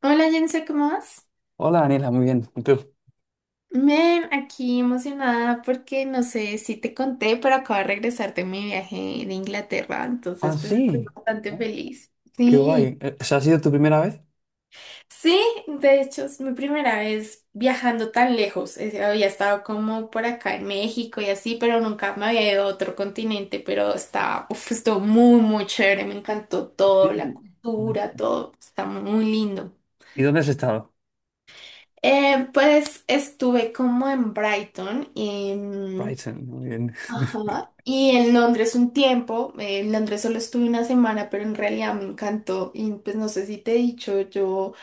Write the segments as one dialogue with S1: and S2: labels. S1: Hola Jense, ¿cómo vas?
S2: Hola, Daniela, muy bien. ¿Y tú?
S1: Bien, aquí emocionada porque no sé si te conté, pero acabo de regresar de mi viaje de Inglaterra, entonces
S2: Ah,
S1: pues estoy
S2: sí.
S1: bastante
S2: Ah,
S1: feliz.
S2: qué
S1: Sí,
S2: guay. ¿O sea, ha sido tu primera vez?
S1: sí, de hecho es mi primera vez viajando tan lejos. Había estado como por acá en México y así, pero nunca me había ido a otro continente, pero está, uf, estuvo muy chévere, me encantó todo, la
S2: Sí. Ah,
S1: cultura, todo, está muy lindo.
S2: ¿y dónde has estado?
S1: Pues estuve como en Brighton y,
S2: Brighton, muy bien.
S1: ajá, y en Londres un tiempo. En Londres solo estuve una semana, pero en realidad me encantó. Y pues no sé si te he dicho, yo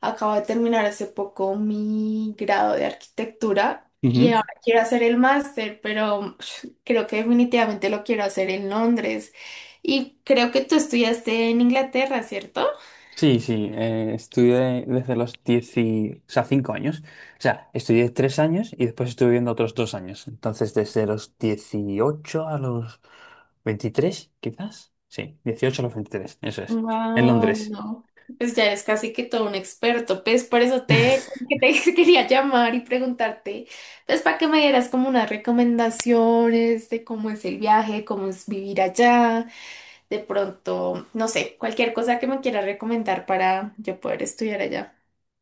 S1: acabo de terminar hace poco mi grado de arquitectura.
S2: Ujú.
S1: Quiero hacer el máster, pero creo que definitivamente lo quiero hacer en Londres. Y creo que tú estudiaste en Inglaterra, ¿cierto?
S2: Sí, sí, estudié desde los 10 y, o sea, 5 años. O sea, estudié 3 años y después estuve viendo otros 2 años. Entonces, desde los 18 a los 23, quizás. Sí, 18 a los veintitrés, eso es, en
S1: Wow,
S2: Londres.
S1: no. Pues ya eres casi que todo un experto. Pues por eso que te quería llamar y preguntarte, pues para que me dieras como unas recomendaciones de cómo es el viaje, cómo es vivir allá, de pronto, no sé, cualquier cosa que me quieras recomendar para yo poder estudiar allá.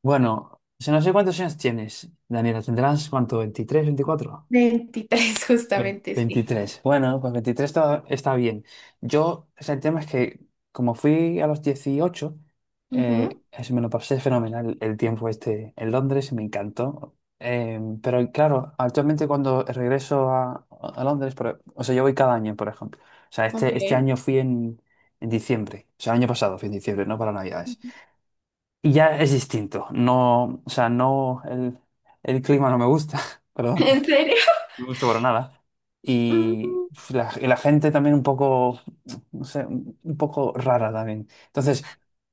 S2: Bueno, o sea, no sé cuántos años tienes, Daniela, ¿tendrás cuánto? ¿23, 24?
S1: Veintitrés, justamente, sí.
S2: 23. Bueno, pues 23 está bien. Yo, o sea, el tema es que como fui a los 18,
S1: Ujú,
S2: me lo pasé fenomenal el tiempo este en Londres y me encantó. Pero claro, actualmente cuando regreso a Londres, o sea, yo voy cada año, por ejemplo. O sea,
S1: ok.
S2: este año fui en, diciembre, o sea, año pasado fui en diciembre, no para Navidades.
S1: Ujú.
S2: Y ya es distinto, no, o sea, no, el clima no me gusta, perdón.
S1: ¿En serio?
S2: No me gustó para nada. Y
S1: Ujú,
S2: uf, y la gente también un poco, no sé, un poco rara también. Entonces,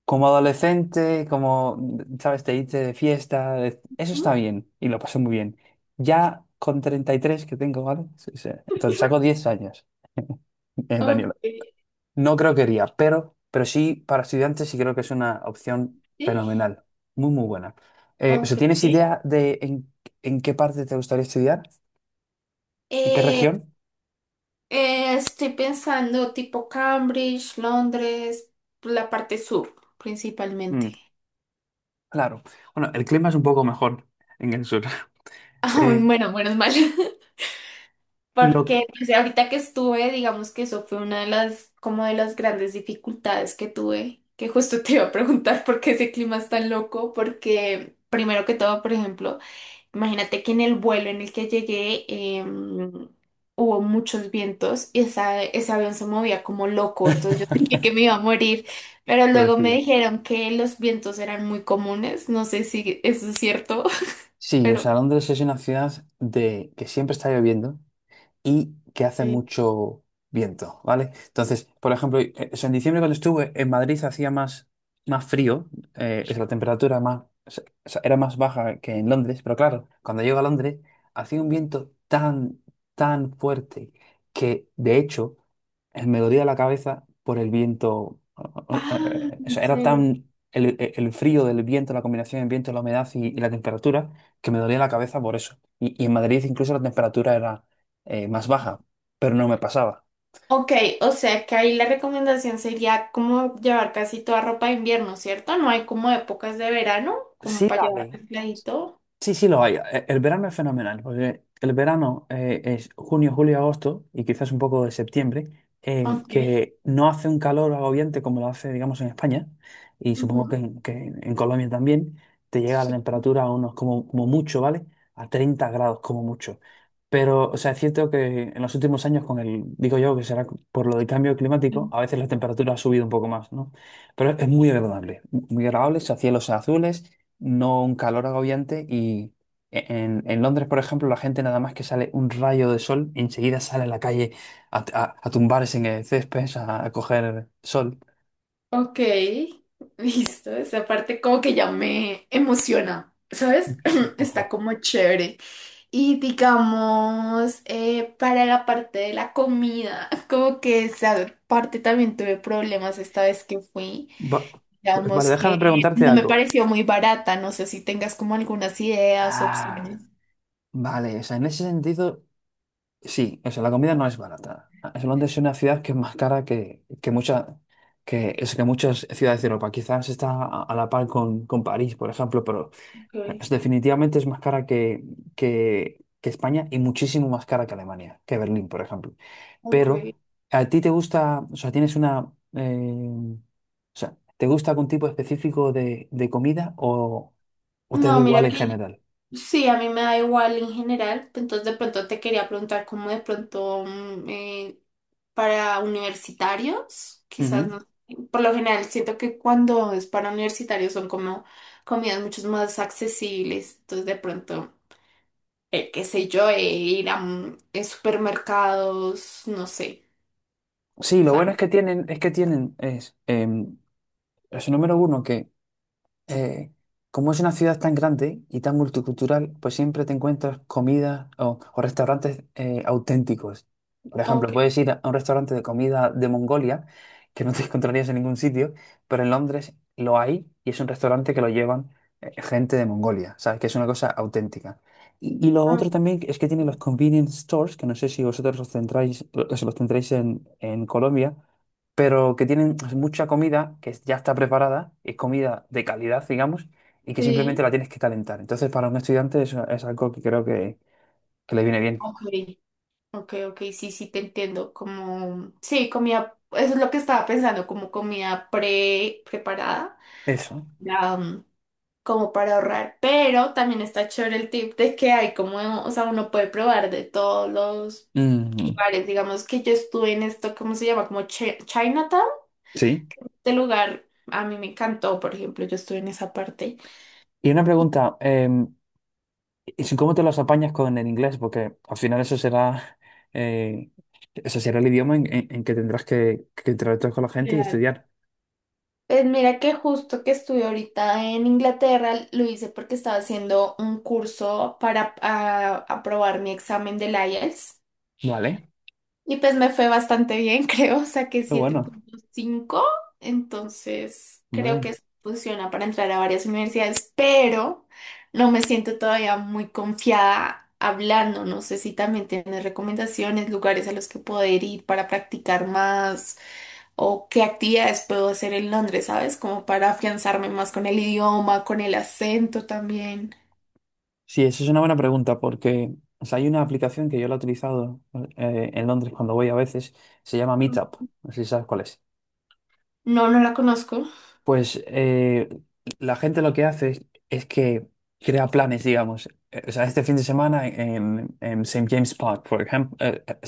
S2: como adolescente, como, ¿sabes? Te irte de fiesta, eso
S1: ujú,
S2: está bien y lo pasé muy bien. Ya con 33 que tengo, ¿vale? Sí, sí. Entonces saco 10 años,
S1: ok,
S2: Daniela. No creo que iría, pero, sí, para estudiantes sí creo que es una opción
S1: sí.
S2: fenomenal, muy, muy buena. O
S1: Ok.
S2: sea, ¿tienes idea de en, qué parte te gustaría estudiar? ¿En qué
S1: Eh,
S2: región?
S1: Estoy pensando tipo Cambridge, Londres, la parte sur principalmente.
S2: Claro. Bueno, el clima es un poco mejor en el sur.
S1: Ah,
S2: Eh,
S1: bueno, menos mal.
S2: lo que...
S1: Porque pues, ahorita que estuve, digamos que eso fue una de las, como de las grandes dificultades que tuve, que justo te iba a preguntar por qué ese clima es tan loco, porque primero que todo, por ejemplo, imagínate que en el vuelo en el que llegué hubo muchos vientos y ese avión se movía como loco, entonces yo sentí que me iba a morir, pero luego me
S2: Pobrecilla.
S1: dijeron que los vientos eran muy comunes, no sé si eso es cierto,
S2: Sí, o
S1: pero
S2: sea, Londres es una ciudad de que siempre está lloviendo y que hace
S1: eh,
S2: mucho viento, ¿vale? Entonces, por ejemplo, o sea, en diciembre cuando estuve en Madrid hacía más, más frío, o la temperatura más, o sea, era más baja que en Londres, pero claro, cuando llego a Londres hacía un viento tan, tan fuerte que de hecho me dolía la cabeza por el viento. eh,
S1: ah,
S2: eh, o
S1: en
S2: sea, era
S1: serio.
S2: tan... el frío del viento, la combinación del viento, la humedad y la temperatura, que me dolía la cabeza por eso. Y en Madrid incluso la temperatura era, más baja, pero no me pasaba.
S1: Ok, o sea que ahí la recomendación sería como llevar casi toda ropa de invierno, ¿cierto? No hay como épocas de verano, como
S2: Sí
S1: para
S2: la hay.
S1: llevar aisladito.
S2: Sí, sí lo hay. El verano es fenomenal, porque el verano es junio, julio, agosto y quizás un poco de septiembre,
S1: Ok.
S2: que no hace un calor agobiante como lo hace, digamos, en España, y supongo que
S1: Ujú.
S2: en, en Colombia también te llega la temperatura a unos como mucho, ¿vale? A 30 grados como mucho. Pero, o sea, es cierto que en los últimos años, con el, digo yo que será por lo del cambio climático,
S1: Sí.
S2: a veces la temperatura ha subido un poco más, ¿no? Pero es muy agradable, o sea, cielos azules, no un calor agobiante, y en, Londres, por ejemplo, la gente nada más que sale un rayo de sol, enseguida sale a la calle, a tumbarse en el césped, a coger sol.
S1: Ok, listo. Esa parte como que ya me emociona, ¿sabes? Está
S2: Ojo.
S1: como chévere. Y digamos, para la parte de la comida, como que esa parte también tuve problemas esta vez que fui.
S2: Va- vale,
S1: Digamos
S2: déjame
S1: que
S2: preguntarte
S1: no me
S2: algo.
S1: pareció muy barata. No sé si tengas como algunas ideas, opciones.
S2: Ah, vale, o sea, en ese sentido, sí, o sea, la comida no es barata. Londres es una ciudad que es más cara que muchas que muchas ciudades de Europa. Quizás está a la par con París, por ejemplo, pero
S1: Ok,
S2: Definitivamente es más cara que, que España y muchísimo más cara que Alemania, que Berlín, por ejemplo.
S1: ok.
S2: Pero a ti te gusta, o sea, tienes o sea, ¿te gusta algún tipo específico de comida o te da
S1: No,
S2: igual
S1: mira
S2: en
S1: que
S2: general?
S1: sí, a mí me da igual en general, entonces de pronto te quería preguntar cómo de pronto para universitarios, quizás
S2: Ujú.
S1: no. Por lo general siento que cuando es para universitarios son como comidas mucho más accesibles, entonces de pronto, qué sé yo, ir a supermercados, no sé.
S2: Sí, lo bueno
S1: ¿Sabes?
S2: es que es el número uno que, eh, como es una ciudad tan grande y tan multicultural, pues siempre te encuentras comida o, restaurantes auténticos. Por
S1: Ok.
S2: ejemplo, puedes ir a un restaurante de comida de Mongolia, que no te encontrarías en ningún sitio, pero en Londres lo hay y es un restaurante que lo llevan, gente de Mongolia, ¿sabes? Que es una cosa auténtica. Y lo
S1: Mm.
S2: otro también es que tiene los convenience stores, que no sé si vosotros los centráis, los tendréis en Colombia, pero que tienen pues mucha comida que ya está preparada, es comida de calidad, digamos, y que simplemente
S1: Sí.
S2: la tienes que calentar. Entonces, para un estudiante es algo que creo que le viene bien.
S1: Ok. Ok, ok, sí, sí, te entiendo. Como, sí, comida, eso es lo que estaba pensando, como comida pre preparada,
S2: Eso.
S1: ya, mm, como para ahorrar. Pero también está chévere el tip de que hay como, o sea, uno puede probar de todos los
S2: Mm,
S1: lugares. Digamos que yo estuve en esto, ¿cómo se llama? Como Chinatown,
S2: sí.
S1: este lugar a mí me encantó, por ejemplo, yo estuve en esa parte.
S2: Y una pregunta, ¿cómo te los apañas con el inglés? Porque al final eh, eso será el idioma en, en que tendrás que interactuar con la gente y estudiar.
S1: Pues mira que justo que estuve ahorita en Inglaterra lo hice porque estaba haciendo un curso para aprobar mi examen del IELTS.
S2: Vale,
S1: Y pues me fue bastante bien, creo, saqué
S2: qué
S1: siete
S2: bueno,
S1: punto cinco entonces creo
S2: hombre.
S1: que eso funciona para entrar a varias universidades, pero no me siento todavía muy confiada hablando, no sé si también tienes recomendaciones, lugares a los que poder ir para practicar más o qué actividades puedo hacer en Londres, ¿sabes? Como para afianzarme más con el idioma, con el acento también.
S2: Sí, eso es una buena pregunta porque, o sea, hay una aplicación que yo la he utilizado, en Londres cuando voy a veces. Se llama Meetup, no sé si sabes cuál es.
S1: No, no la conozco.
S2: Pues, la gente lo que hace es que crea planes, digamos. O sea, este fin de semana en, Saint James Park, por ejemplo,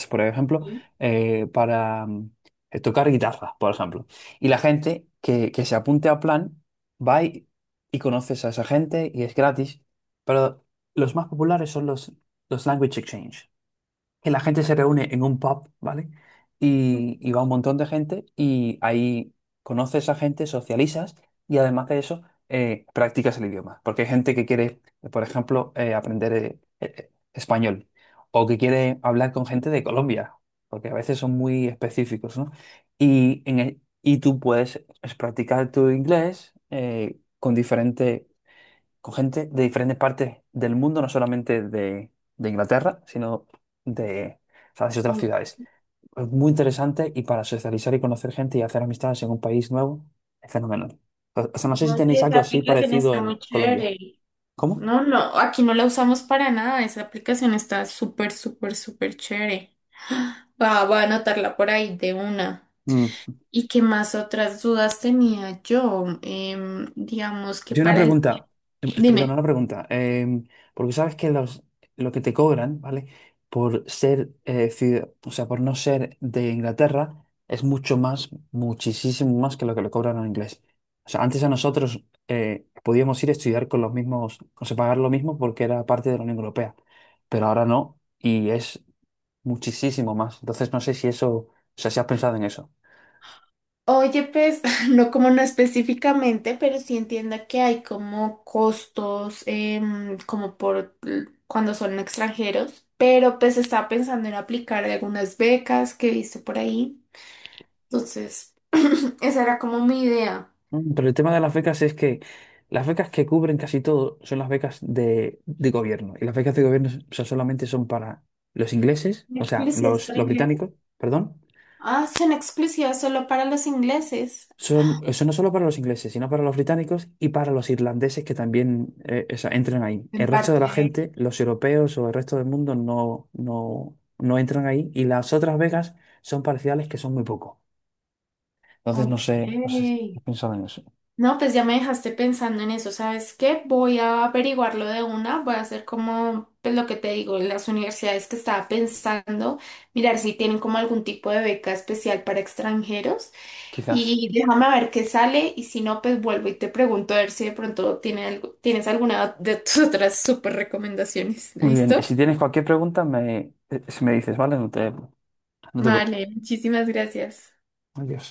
S2: por ejemplo
S1: Sí.
S2: para tocar guitarra, por ejemplo. Y la gente que se apunte a plan va y conoces a esa gente y es gratis. Pero los más populares son los Language Exchange, que la gente se reúne en un pub, ¿vale? Y va un montón de gente y ahí conoces a gente, socializas y además de eso, practicas el idioma. Porque hay gente que quiere, por ejemplo, aprender, español, o que quiere hablar con gente de Colombia, porque a veces son muy específicos, ¿no? Y, y tú puedes es practicar tu inglés, con diferentes con gente de diferentes partes del mundo, no solamente de Inglaterra, sino de, ¿sabes?, otras
S1: Mm.
S2: ciudades. Es muy interesante, y para socializar y conocer gente y hacer amistades en un país nuevo, es fenomenal. O sea, no sé si
S1: Oye,
S2: tenéis
S1: esa
S2: algo así
S1: aplicación
S2: parecido
S1: está muy
S2: en Colombia.
S1: chévere.
S2: ¿Cómo?
S1: No, no, aquí no la usamos para nada. Esa aplicación está súper chévere. Va, va a anotarla por ahí de una. ¿Y qué más otras dudas tenía yo? Digamos que
S2: Yo una
S1: para el...
S2: pregunta, perdón,
S1: Dime.
S2: una pregunta, porque sabes que lo que te cobran, ¿vale? Por ser, o sea, por no ser de Inglaterra, es mucho más, muchísimo más que lo que le cobran a un inglés. O sea, antes a nosotros, podíamos ir a estudiar con los mismos, o sea, pagar lo mismo porque era parte de la Unión Europea, pero ahora no, y es muchísimo más. Entonces, no sé si eso, o sea, si has pensado en eso.
S1: Oye, pues, no como no específicamente, pero sí entiendo que hay como costos, como por cuando son extranjeros, pero pues estaba pensando en aplicar algunas becas que he visto por ahí. Entonces, esa era como mi idea.
S2: Pero el tema de las becas es que las becas que cubren casi todo son las becas de gobierno. Y las becas de gobierno, o sea, solamente son para los ingleses, o sea,
S1: Exclusivas para
S2: los
S1: ingleses.
S2: británicos, perdón.
S1: Ah, son exclusivas solo para los ingleses.
S2: Eso no solo para los ingleses, sino para los británicos y para los irlandeses que también, o sea, entran ahí. El
S1: En
S2: resto de
S1: parte.
S2: la gente, los europeos o el resto del mundo, no, no, no entran ahí. Y las otras becas son parciales, que son muy poco. Entonces,
S1: Ok.
S2: no sé, si has pensado en eso.
S1: No, pues ya me dejaste pensando en eso. ¿Sabes qué? Voy a averiguarlo de una. Voy a hacer como, pues lo que te digo, las universidades que estaba pensando, mirar si tienen como algún tipo de beca especial para extranjeros.
S2: Quizás.
S1: Y déjame a ver qué sale. Y si no, pues vuelvo y te pregunto a ver si de pronto tiene algo- tienes alguna de tus otras súper recomendaciones.
S2: Muy bien,
S1: ¿Listo?
S2: si tienes cualquier pregunta, si me dices, ¿vale? No te
S1: Vale,
S2: preocupes.
S1: muchísimas gracias.
S2: Adiós.